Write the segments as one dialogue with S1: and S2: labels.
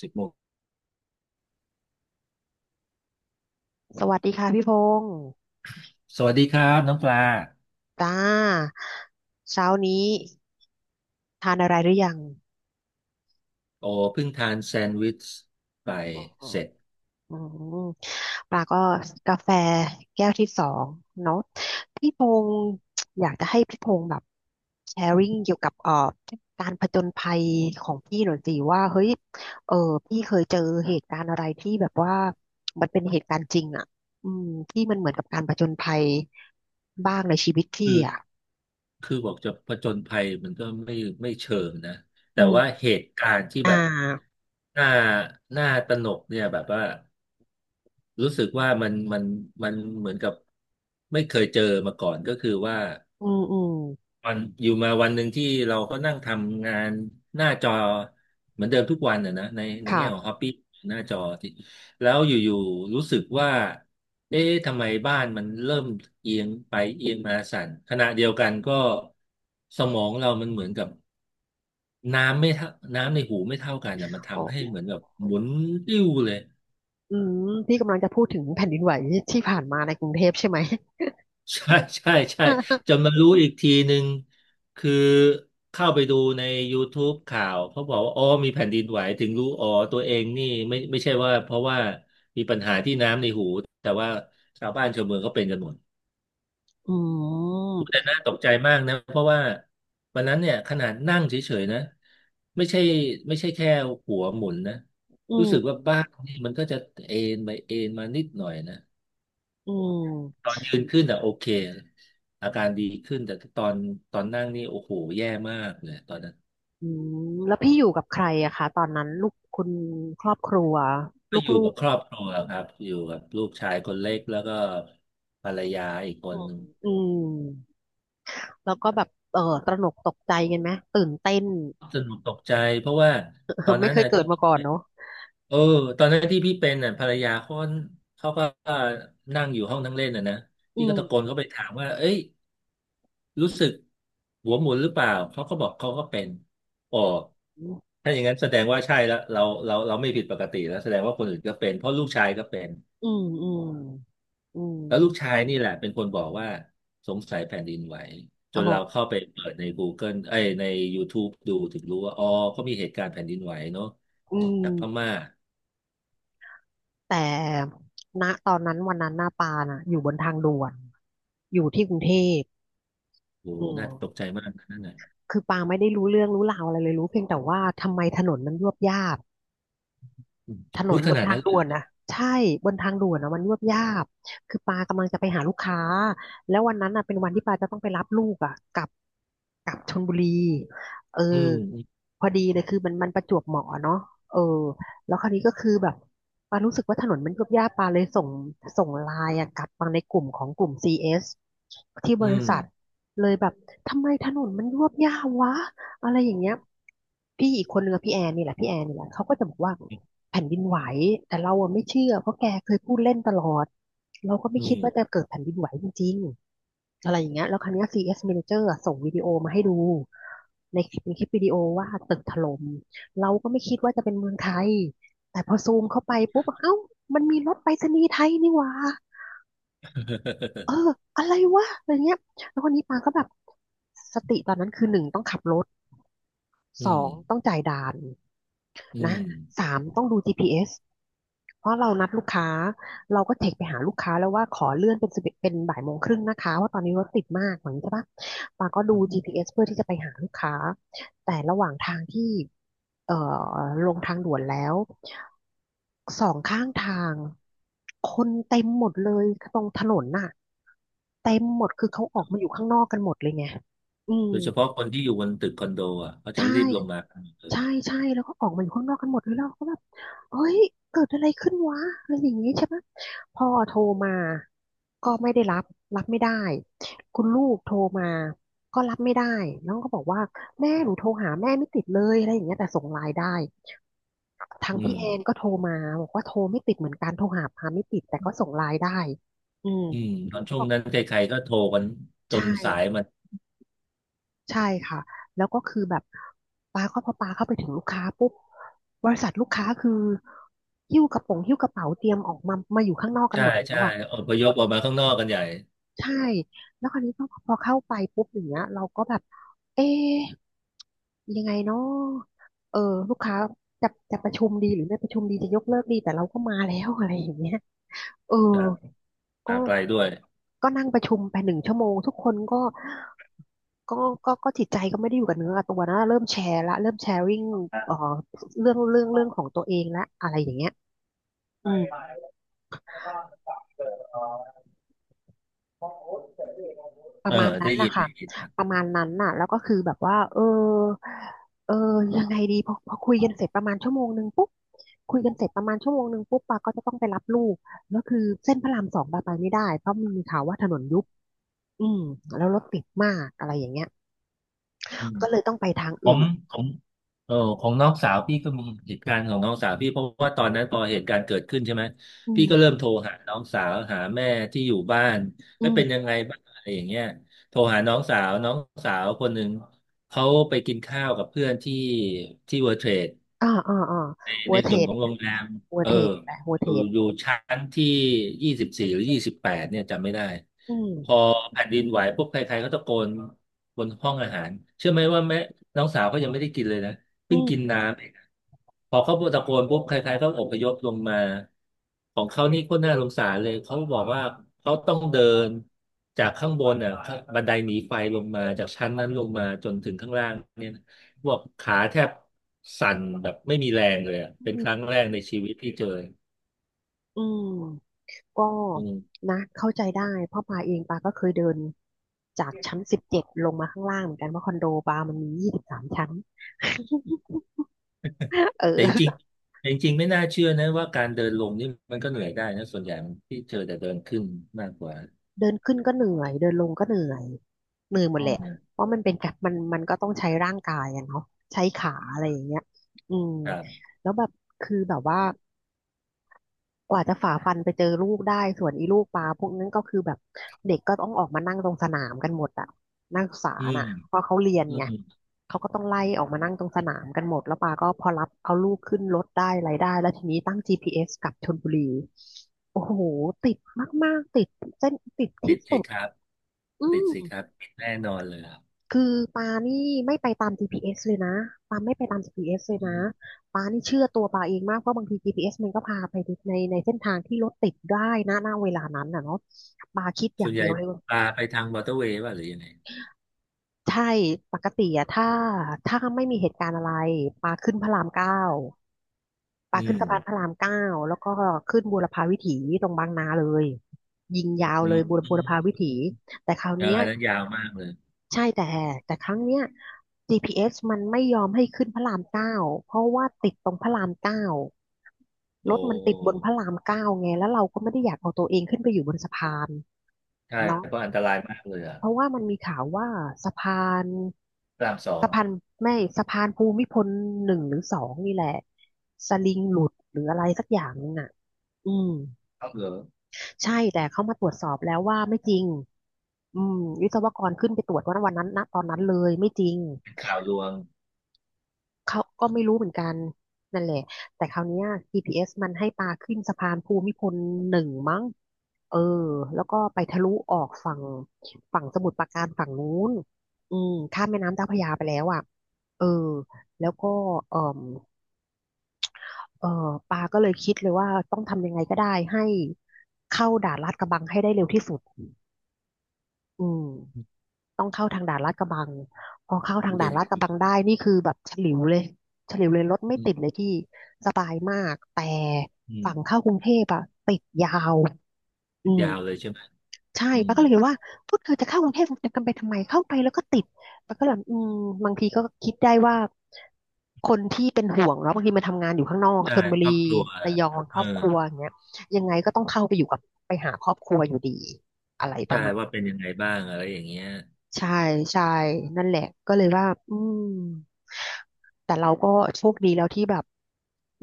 S1: 10 โมง
S2: สวัสดีค่ะพี่พงศ์
S1: สวัสดีครับน้องปลา
S2: จ้าเช้านี้ทานอะไรหรือยัง
S1: โอ้เพิ่งทานแซนด์วิชไปเสร็จ
S2: อืมปลาก็กาแฟแก้วที่สองเนาะพี่พงศ์อยากจะให้พี่พงศ์แบบแชร์ริ่งเกี่ยวกับการผจญภัยของพี่หน่อยสิว่าเฮ้ยเออพี่เคยเจอเหตุการณ์อะไรที่แบบว่ามันเป็นเหตุการณ์จริงอ่ะอืมที่มันเหมือนกับการผจญภัยบ้างในชีวิต
S1: คื
S2: พี่
S1: อ
S2: อ่ะ
S1: คือบอกจะผจญภัยมันก็ไม่เชิงนะ แต่
S2: อื
S1: ว่า
S2: ม
S1: เหตุการณ์ที่
S2: อ่า
S1: แบบน่าน่าตระหนกเนี่ยแบบว่ารู้สึกว่ามันเหมือนกับไม่เคยเจอมาก่อนก็คือว่า
S2: อืม
S1: วันอยู่มาวันหนึ่งที่เราก็นั่งทำงานหน้าจอเหมือนเดิมทุกวันน่ะนะในแง่ของ
S2: ค่ะ
S1: ฮอปปี้หน้าจอที่แล้วอยู่ๆรู้สึกว่าเอ๊ะทำไมบ้านมันเริ่มเอียงไปเอียงมาสั่นขณะเดียวกันก็สมองเรามันเหมือนกับน้ำไม่เท่าน้ำในหูไม่เท่ากันนะมัน
S2: อ๋อ
S1: ทำให้เหมือนกับหมุนติ้วเลย
S2: อืมพี่กำลังจะพูดถึงแผ่นดินไหวที่ผ่านมาในกรุงเทพใช่ไหม
S1: ใช่ใช่ใช่จ นมารู้อีกทีหนึ่งคือเข้าไปดูใน YouTube ข่าวเขาบอกว่าอ๋อมีแผ่นดินไหวถึงรู้อ๋อตัวเองนี่ไม่ใช่ว่าเพราะว่ามีปัญหาที่น้ำในหูแต่ว่าชาวบ้านชาวเมืองเขาเป็นกันหมด
S2: อืม
S1: แต่น่า ตกใจมากนะเพราะว่าวันนั้นเนี่ยขนาดนั่งเฉยๆนะไม่ใช่ไม่ใช่แค่หัวหมุนนะ
S2: อื
S1: รู้สึก
S2: ม
S1: ว่าบ้านนี่มันก็จะเอ็นไปเอ็นมานิดหน่อยนะ
S2: อื
S1: ต
S2: ม
S1: อนยืนขึ้นอ่ะโอเคอาการดีขึ้นแต่ตอนนั่งนี่โอ้โหแย่มากเลยตอนนั้น
S2: อืม แล้วพี่อยู่กับใครอะคะตอนนั้นลูกคุณครอบครัว
S1: ก็
S2: ลู
S1: อยู่กั
S2: ก
S1: บครอบครัวครับอยู่กับลูกชายคนเล็กแล้วก็ภรรยาอีกค
S2: ๆอื
S1: น
S2: ม
S1: หนึ่ง
S2: อืมแล้วก็แบบเออตระหนกตกใจกันไหมตื่นเต้น
S1: สนุกตกใจเพราะว่าตอน
S2: ไม่
S1: นั้น
S2: เคย
S1: น่ะ
S2: เกิ
S1: ที่
S2: ดมา
S1: พี่
S2: ก่อน
S1: เป็น
S2: เนาะ
S1: เออตอนนั้นที่พี่เป็นน่ะภรรยาเขาก็นั่งอยู่ห้องนั่งเล่นน่ะนะ
S2: อื
S1: พี่ก็ตะโก
S2: ม
S1: นเข้าไปถามว่าเอ้ย รู้สึกหัวหมุนหรือเปล่าเขาก็บอกเขาก็เป็นอ๋อ
S2: อืม
S1: ถ้าอย่างนั้นแสดงว่าใช่แล้วเราไม่ผิดปกติแล้วแสดงว่าคนอื่นก็เป็นเพราะลูกชายก็เป็น
S2: อืมอืม
S1: แล้วลูกชายนี่แหละเป็นคนบอกว่าสงสัยแผ่นดินไหวจ
S2: โอ้
S1: น
S2: โห
S1: เราเข้าไปเปิดใน Google เอ้ยใน YouTube ดูถึงรู้ว่าอ๋อเขามีเหตุการณ์แผ่นดินไหวเนาะ
S2: อืม
S1: จากพม่า
S2: แต่ณตอนนั้นวันนั้นหน้าปาน่ะอยู่บนทางด่วนอยู่ที่กรุงเทพ
S1: โอ้
S2: อื
S1: น่า
S2: ม
S1: ตกใจมากนะนั่นน่ะ
S2: คือปางไม่ได้รู้เรื่องรู้ราวอะไรเลยรู้เพียงแต่ว่าทำไมถนนมันยวบยาบ
S1: อืม
S2: ถน
S1: พู
S2: น
S1: ดข
S2: บน
S1: นาด
S2: ทาง
S1: นั้นเล
S2: ด่
S1: ย
S2: วน
S1: เหรอ
S2: นะใช่บนทางด่วนนะมันยวบยาบคือปากำลังจะไปหาลูกค้าแล้ววันนั้นอ่ะเป็นวันที่ปาจะต้องไปรับลูกอ่ะกลับชลบุรีเอ
S1: อื
S2: อ
S1: ม
S2: พอดีเลยคือมันประจวบเหมาะอะเนาะเออแล้วคราวนี้ก็คือแบบปารู้สึกว่าถนนมันยวบยาบปาเลยส่งไลน์อ่ะกลับมาในกลุ่มของกลุ่ม c สที่
S1: อื
S2: บริ
S1: ม
S2: ษัทเลยแบบทำไมถนนมันยวบยาบวะอะไรอย่างเงี้ยพี่อีกคนนึงอะพี่แอนนี่แหละพี่แอนนี่แหละเขาก็จะบอกว่า แผ่นดินไหวแต่เราอะไม่เชื่อเพราะแกเคยพูดเล่นตลอดเราก็ไม่
S1: อื
S2: คิด
S1: ม
S2: ว่าจะเกิดแผ่นดินไหวจริงๆอะไรอย่างเงี้ยแล้วครั้งนี้ย CS Manager อะส่งวิดีโอมาให้ดูในคลิปเป็นคลิปวิดีโอว่าตึกถล่มเราก็ไม่คิดว่าจะเป็นเมืองไทยแต่พอซูมเข้าไปปุ๊บเอ้ามันมีรถไปรษณีย์ไทยนี่หว่าเอออะไรวะอะไรเงี้ยแล้วคนนี้ปาก็แบบสติตอนนั้นคือหนึ่งต้องขับรถ
S1: อื
S2: สอ
S1: ม
S2: งต้องจ่ายด่าน
S1: อืม
S2: นะ
S1: อืม
S2: สามต้องดูจีพีเอส เพราะเรานัดลูกค้าเราก็เทคไปหาลูกค้าแล้วว่าขอเลื่อนเป็น11เป็นบ่ายโมงครึ่งนะคะว่าะตอนนี้รถติดมากเหมือนใช่ปะปาก็ดู
S1: อืม
S2: GPS เอสเพื่อที่จะไปหาลูกค้าแต่ระหว่างทางที่เอ่อลงทางด่วนแล้วสองข้างทางคนเต็มหมดเลยตรงถนนน่ะเต็มหมดคือเขาออกมาอยู่ข้างนอกกันหมดเลยไงอืม
S1: โดยเฉพาะคนที่อยู่บนตึกคอนโดอ่ะเขาจะ
S2: ใช่
S1: รีบลงมากันหมดเลย
S2: ใช่ใช่แล้วก็ออกมาอยู่ข้างนอกกันหมดเลยแล้วเราก็แบบเฮ้ยเกิดอะไรขึ้นวะอะไรอย่างนี้ใช่ไหมพ่อโทรมาก็ไม่ได้รับไม่ได้คุณลูกโทรมาก็รับไม่ได้น้องก็บอกว่าแม่หนูโทรหาแม่ไม่ติดเลยอะไรอย่างเงี้ยแต่ส่งไลน์ได้ทาง
S1: อื
S2: พี่
S1: ม
S2: แอนก็โทรมาบอกว่าโทรไม่ติดเหมือนกันโทรหาพาไม่ติดแต่ก็ส่งไลน์ได้อืม
S1: อืม
S2: ห
S1: ตอ
S2: นู
S1: น
S2: ก็
S1: ช่ว
S2: บ
S1: ง
S2: อก
S1: นั้นใครๆก็โทรกันจน
S2: ใช่
S1: สายมัน
S2: ใช่ค่ะแล้วก็คือแบบปาเข้าพอปาเข้าไปถึงลูกค้าปุ๊บบริษัทลูกค้าคือหิ้วกระเป๋าเตรียมออกมามาอยู่ข้างนอกกัน
S1: ใช่
S2: หมดแล้ว
S1: ใช่
S2: อะ
S1: อพยพออกมาข้างนอกกันใหญ่
S2: ใช่แล้วคราวนี้พอเข้าไปปุ๊บอย่างเงี้ยเราก็แบบเอ๊ะยังไงเนาะเออลูกค้าจะประชุมดีหรือไม่ประชุมดีจะยกเลิกดีแต่เราก็มาแล้วอะไรอย่างเงี้ยเออ
S1: ครับ
S2: ก็
S1: มาไกลด้วย
S2: ก็นั่งประชุมไปหนึ่งชั่วโมงทุกคนก็ ก็ก็จิตใจก็ไม่ได้อยู่กับเนื้อกับตัวนะเริ่มแชร์ละเริ่มแชร์ริ่งเอ่อเรื่องของตัวเองละอะไรอย่างเงี้ยอืมป
S1: เอ
S2: ระ
S1: อ
S2: มาณนั้
S1: ได้
S2: น
S1: ยิ
S2: นะ
S1: น
S2: คะ
S1: ได้ยินครั
S2: ประ
S1: บ
S2: มาณนั้นน่ะ แล้วก็คือแบบว่าเออยังไงดีพอคุยกันเสร็จประมาณชั่วโมงหนึ่งปุ๊บคุยกันเสร็จประมาณชั่วโมงหนึ่งปุ๊บปาก็จะต้องไปรับลูกแล้วคือเส้นพระรามสองปาไปไม่ได้เพราะมีข่าวว่าถนนยุบอืมแล้วรถติดมากอะไรอย่างเงี้ย
S1: อืม
S2: ก็เลยต้องไปทาง
S1: ผม
S2: อื่น
S1: ของของน้องสาวพี่ก็มีเหตุการณ์ของน้องสาวพี่เพราะว่าตอนนั้นพอเหตุการณ์เกิดขึ้นใช่ไหม
S2: อื
S1: พี่ก็เริ่
S2: ม
S1: มโทรหาน้องสาวหาแม่ที่อยู่บ้าน
S2: อื
S1: ไม่เป็นยัง
S2: ม
S1: ไงบ้างอะไรอย่างเงี้ยโทรหาน้องสาวคนหนึ่งเขาไปกินข้าวกับเพื่อนที่เวิร์เทรด
S2: อ่าอ่าอ่า
S1: ใน
S2: หั
S1: ใน
S2: วเทร
S1: ส่วน
S2: ด
S1: ขอ
S2: อี
S1: ง
S2: ก
S1: โร
S2: แล้ว
S1: งแรม
S2: หัว
S1: เออ
S2: เทรดไปหัว
S1: อ
S2: เทร
S1: ยู่
S2: ด
S1: อยู่ชั้นที่24หรือ28เนี่ยจำไม่ได้
S2: อื
S1: พอ
S2: ม
S1: แผ่นดินไหวปุ๊บใครๆก็ตะโกนบนห้องอาหารเชื่อไหมว่าแม่น้องสาวเขายังไม่ได้กินเลยนะ
S2: อื
S1: เพิ่งกิน
S2: ม
S1: น้ำเองพอเขาตะโกนปุ๊บใครๆก็อพยพลงมาของเขานี่ก็น่าสงสารเลยเขาบอกว่าเขาต้องเดินจากข้างบนอ่ะบันไดหนีไฟลงมาจากชั้นนั้นลงมาจนถึงข้างล่างเนี่ย พวกขาแทบสั่นแบบไม่มีแรงเลยอะ
S2: อื
S1: เป็นครั้
S2: ม
S1: งแรกในชีวิตที่เจอ
S2: อืม ก็
S1: อืม
S2: นะเข้าใจได้เพราะปาเองปาก็เคยเดินจากชั้น17ลงมาข้างล่างเหมือนกันเพราะคอนโดปามันมี23ชั้น เ
S1: แต่จริง
S2: ออ
S1: ๆแต่จริงๆไม่น่าเชื่อนะว่าการเดินลงนี่มันก็เหนื่อยได้นะส่วนใหญ่มันที่เจอแต่เดินขึ้นมากกว่า
S2: เดินขึ้นก็เหนื่อยเดินลงก็เหนื่อยเหนื่อยหม
S1: อ๋
S2: ด
S1: อ
S2: แหละเพราะมันเป็นการมันก็ต้องใช้ร่างกายอะเนาะใช้ขาอะไรอย่างเงี้ยอืม
S1: ครับ
S2: แล้วแบบคือแบบว่า กว่าจะฝ่าฟันไปเจอลูกได้ส่วนอีลูกปลาพวกนั้นก็คือแบบเด็กก็ต้องออกมานั่งตรงสนามกันหมดอะนักศึกษา
S1: อื
S2: น่ะ
S1: ม
S2: เพราะเขาเรียน
S1: อื
S2: ไง
S1: ม
S2: เขาก็ต้องไล่ออกมานั่งตรงสนามกันหมดแล้วปาก็พอรับเอาลูกขึ้นรถได้อะไรได้แล้วทีนี้ตั้ง GPS กลับชลบุรีโอ้โหติดมากๆติดเส้นติด
S1: ติ
S2: ที่
S1: ด
S2: สุ
S1: สิ
S2: ด
S1: ครับ
S2: อื
S1: ติด
S2: ม
S1: สิครับติดแน่นอนเลยครับ
S2: คือปานี่ไม่ไปตาม GPS เอสเลยนะปาไม่ไปตาม GPS เอสเล
S1: อื
S2: ยนะ
S1: ม
S2: ปานี่เชื่อตัวปาเองมากเพราะบางที GPS มันก็พาไปในเส้นทางที่รถติดได้นะณเวลานั้นน่ะเนาะปาคิดอ
S1: ส่
S2: ย่า
S1: ว
S2: ง
S1: นให
S2: เดี
S1: ญ่
S2: ยวเลยว่า
S1: ปลาไปทางมอเตอร์เวย์ป่ะหรือยังไง
S2: ใช่ปกติอะถ้าไม่มีเหตุการณ์อะไรปาขึ้นพระรามเก้าปา
S1: อื
S2: ขึ้น
S1: ม
S2: สะพานพระรามเก้าแล้วก็ขึ้นบูรพาวิถีตรงบางนาเลยยิงยาว
S1: อื
S2: เล
S1: ม
S2: ย
S1: อื
S2: บู
S1: ม
S2: รพาวิถีแต่คราว
S1: เออ
S2: เนี้ย
S1: อันนั้นยาวมากเลย
S2: ใช่แต่ครั้งเนี้ย GPS มันไม่ยอมให้ขึ้นพระรามเก้าเพราะว่าติดตรงพระรามเก้า
S1: โอ
S2: รถมันติดบนพ
S1: ้
S2: ระรามเก้าไงแล้วเราก็ไม่ได้อยากเอาตัวเองขึ้นไปอยู่บนสะพาน
S1: ใช่
S2: เนาะ
S1: เพราะอันตรายมากเลยอ่ะ
S2: เพราะว่ามันมีข่าวว่าสะพาน
S1: พระรามสอง
S2: สะพานไม่สะพานภูมิพลหนึ่งหรือสองนี่แหละสลิงหลุดหรืออะไรสักอย่างนึงน่ะอืม
S1: คัเหอ
S2: ใช่แต่เขามาตรวจสอบแล้วว่าไม่จริงอืมวิศวกรขึ้นไปตรวจวันนั้นนะตอนนั้นเลยไม่จริง
S1: เป็นข่าวลวง
S2: เขาก็ไม่รู้เหมือนกันนั่นแหละแต่คราวเนี้ย GPS มันให้ปาขึ้นสะพานภูมิพลหนึ่งมั้งเออแล้วก็ไปทะลุออกฝั่งฝั่งสมุทรปราการฝั่งนู้นอืมข้ามแม่น้ำเจ้าพระยาไปแล้วอ่ะเออแล้วก็เออเออปาก็เลยคิดเลยว่าต้องทำยังไงก็ได้ให้เข้าด่านลาดกระบังให้ได้เร็วที่สุดอืม
S1: อุ
S2: ต้องเข้าทางด่านลาดกระบังพอเข้าทา
S1: ๊
S2: ง
S1: ยแต
S2: ด่านลาดก
S1: ่
S2: ระบังได้นี่คือแบบฉลิวเลยฉลิวเลยรถไม่
S1: อืม
S2: ติดเลยพี่สบายมากแต่
S1: อืม
S2: ฝั่งเข้ากรุงเทพอะติดยาวอืม
S1: ยาวเลยใช่ไหม
S2: ใช่
S1: อืม
S2: ป้าก็เลยเห็นว่าพูดคือจะเข้ากรุงเทพจะกันไปทำไมเข้าไปแล้วก็ติดป้าก็เลยอืมบางทีก็คิดได้ว่าคนที่เป็นห่วงเนาะบางทีมาทำงานอยู่ข้างนอก
S1: ใช่
S2: ชลบุ
S1: ครอบ
S2: รี
S1: ครัว
S2: ระยอง
S1: เอ
S2: ค
S1: อ
S2: รอบครัวอย่างเงี้ยยังไงก็ต้องเข้าไปอยู่กับไปหาครอบครัวอยู่ดีอะไรป
S1: ใช่
S2: ระมาณ
S1: ว่าเป็นยังไงบ้างอะไรอย่างเงี้ย
S2: ใช่ใช่นั่นแหละก็เลยว่าอืมแต่เราก็โชคดีแล้วที่แบบ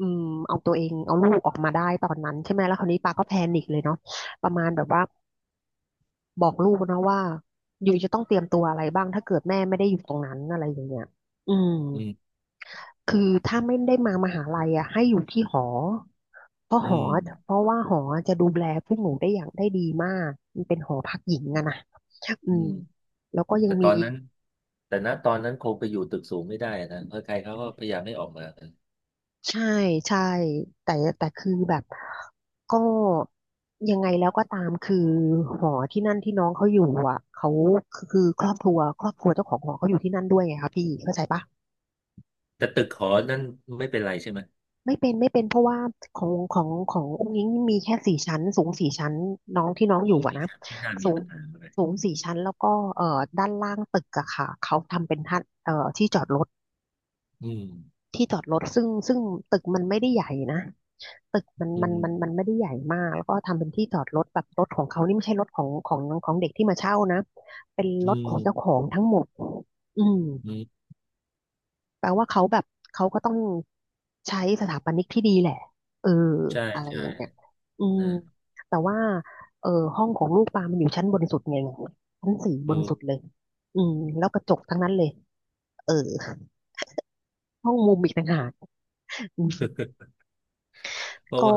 S2: อืมเอาตัวเองเอาลูกออกมาได้ตอนนั้นใช่ไหมแล้วคราวนี้ปาก็แพนิคเลยเนาะประมาณแบบว่าบอกลูกนะว่าอยู่จะต้องเตรียมตัวอะไรบ้างถ้าเกิดแม่ไม่ได้อยู่ตรงนั้นอะไรอย่างเงี้ยอืม
S1: อืม
S2: คือถ้าไม่ได้มามหาลัยอ่ะให้อยู่ที่หอเพราะห
S1: อื
S2: อ
S1: ม
S2: เพราะว่าหอจะดูแลพวกหนูได้อย่างได้ดีมากมันเป็นหอพักหญิงอะนะอื
S1: อื
S2: ม
S1: ม
S2: แล้วก็ยัง
S1: แต่ต
S2: มี
S1: อนนั้นแต่ณตอนนั้นคงไปอยู่ตึกสูงไม่ได้นะเพราะใครเขาก็พยายามไม่ออกมากัน
S2: ใช่ใช่แต่แต่คือแบบก็ยังไงแล้วก็ตามคือหอที่นั่นที่น้องเขาอยู่อ่ะเขาคือครอบครัวเจ้าของหอเขาอยู่ที่นั่นด้วยไงคะพี่เข้าใจปะ
S1: แต่ตึกหอนั้นไม่เป็นไรใช่ไหม
S2: ไม่เป็นเพราะว่าของอุ้งอิ๊งมีแค่สี่ชั้นสูงสี่ชั้นน้องที่น้อง
S1: อ๋
S2: อ
S1: อ
S2: ยู่อะ
S1: อีก
S2: นะ
S1: ครับไม่น่า
S2: สู
S1: มี
S2: ง
S1: ปัญหาอะไร
S2: สูงสี่ชั้นแล้วก็ด้านล่างตึกอะค่ะเขาทำเป็นท่าที่จอดรถ
S1: อืม
S2: ที่จอดรถซึ่งตึกมันไม่ได้ใหญ่นะตึกมัน
S1: อื
S2: มันมันมั
S1: ม
S2: นไม่ได้ใหญ่มากแล้วก็ทำเป็นที่จอดรถแบบรถของเขานี่ไม่ใช่รถของเด็กที่มาเช่านะเป็นร
S1: อื
S2: ถข
S1: ม
S2: องเจ้าของทั้งหมดอืม
S1: อืม
S2: แปลว่าเขาแบบเขาก็ต้องใช้สถาปนิกที่ดีแหละเออ
S1: ใช่
S2: อะไร
S1: ใช่
S2: อย่างเงี้ยอืม
S1: นะ
S2: แต่ว่าเออห้องของลูกปลามันอยู่ชั้นบนสุดไงชั้นสี่บ
S1: เอ
S2: นสุด
S1: อ
S2: เลยอืมแล้วกระจกทั้งนั้นเลยเออห้องมุมอีกต่างหากอืม
S1: เพราะ
S2: ก็
S1: ว่า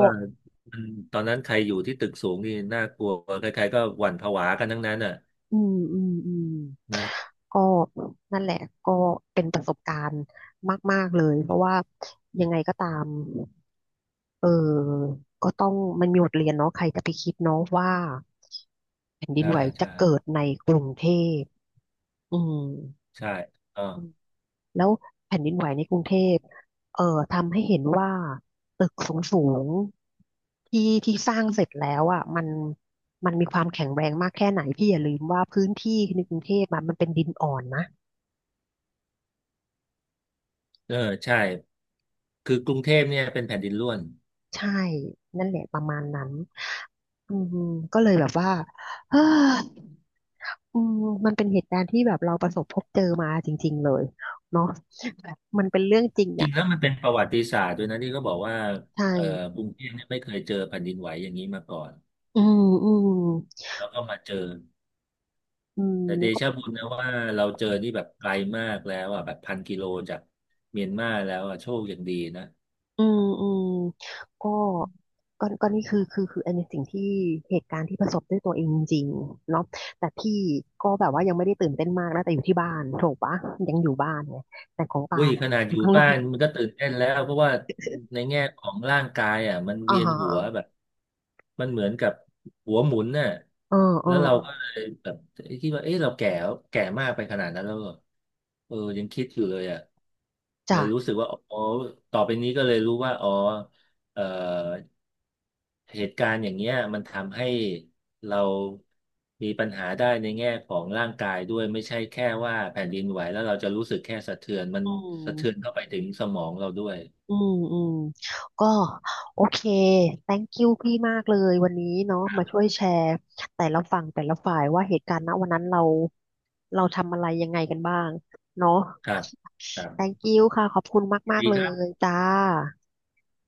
S1: มันตอนนั้นใครอยู่ที่ตึกสูงนี่น่ากลัวใครๆก็หวั่นผวากันทั้งนั้นอ่ะ
S2: อืมอืมอืม
S1: นะ
S2: ก็นั่นแหละก็เป็นประสบการณ์มากๆเลยเพราะว่ายังไงก็ตามเออก็ต้องมันมีบทเรียนเนาะใครจะไปคิดเนาะว่าแผ่นดิน
S1: ใช่
S2: ไหวจะ
S1: ใช่
S2: เกิดในกรุงเทพอืม
S1: ใช่เออ
S2: อืมแล้วแผ่นดินไหวในกรุงเทพเอ่อทำให้เห็นว่าตึกสูงสูงที่ที่สร้างเสร็จแล้วอ่ะมันมีความแข็งแรงมากแค่ไหนพี่อย่าลืมว่าพื้นที่ในกรุงเทพอะมันเป็นดินอ่อนนะ
S1: เออใช่ คือกรุงเทพเนี่ยเป็นแผ่นดินร่วน
S2: ใช่นั่นแหละประมาณนั้นอืมก็เลยแบบว่า เอออืมมันเป็นเหตุการณ์ที่แบบเราประสบพบเจอมาจริงๆเลยเนาะแบบมันเป็นเรื่องจริง
S1: จริ
S2: อ่ะ
S1: งแล้วมันเป็นประวัติศาสตร์ด้วยนะที่ก็บอกว่า
S2: ใช่
S1: เอ่อกรุงเทพเนี่ยไม่เคยเจอแผ่นดินไหวอย่างนี้มาก่อน
S2: อืมอืม
S1: แล้วก็มาเจอ
S2: อืม
S1: แต่เด
S2: แล้วก็
S1: ชะบุญนะว่าเราเจอนี่แบบไกลมากแล้วอ่ะแบบ1,000 กิโลจากเมียนมาแล้วอ่ะโชคอย่างดีนะ
S2: อืมอืมก็ก็นี่คืออันนี้สิ่งที่เหตุการณ์ที่ประสบด้วยตัวเองจริงๆเนาะแต่พี่ก็แบบว่ายังไม่ได้ตื่นเต้นมากนะแต่อยู่ที่บ้านถูกปะยังอยู่บ้านไงแต่ของปา
S1: อุ้ยข
S2: น่ะ
S1: นาด
S2: อ
S1: อ
S2: ยู่
S1: ยู่
S2: ข้างนอ
S1: บ้าน
S2: ก
S1: มันก็ตื่นเต้นแล้วเพราะว่าในแง่ของร่างกายอ่ะมันเวี
S2: อ่า
S1: ยน
S2: ฮะ
S1: หัว
S2: อ่า
S1: แบบมันเหมือนกับหัวหมุนน่ะ
S2: เออเออ
S1: แล้วเรา
S2: เออ
S1: ก็เลยแบบคิดว่าเอ๊ะเราแก่แล้วแก่มากไปขนาดนั้นแล้วเหรอเออยังคิดอยู่เลยอ่ะเล
S2: จ้ะ
S1: ยรู้สึกว่าอ๋อต่อไปนี้ก็เลยรู้ว่าอ๋อเออ เหตุการณ์อย่างเงี้ยมันทำให้เรามีปัญหาได้ในแง่ของร่างกายด้วยไม่ใช่แค่ว่าแผ่นดินไหวแล้วเราจะรู้สึกแค่สะเทือนมัน
S2: อื
S1: สะเทือน
S2: ม
S1: เข้าไปถึงสมองเราด้วย
S2: อืมอืมก็โอเค thank you พี่มากเลยวันนี้เนาะ
S1: ครั
S2: มา
S1: บ
S2: ช่วยแชร์ แต่ละฝั่งแต่ละฝ่ายว่าเหตุการณ์ณวันนั้นเราทำอะไรยังไงกันบ้างเนาะ
S1: ครับครับ
S2: thank you ค่ะขอบคุณมาก
S1: ดี
S2: ๆเล
S1: ครับ
S2: ยจ้า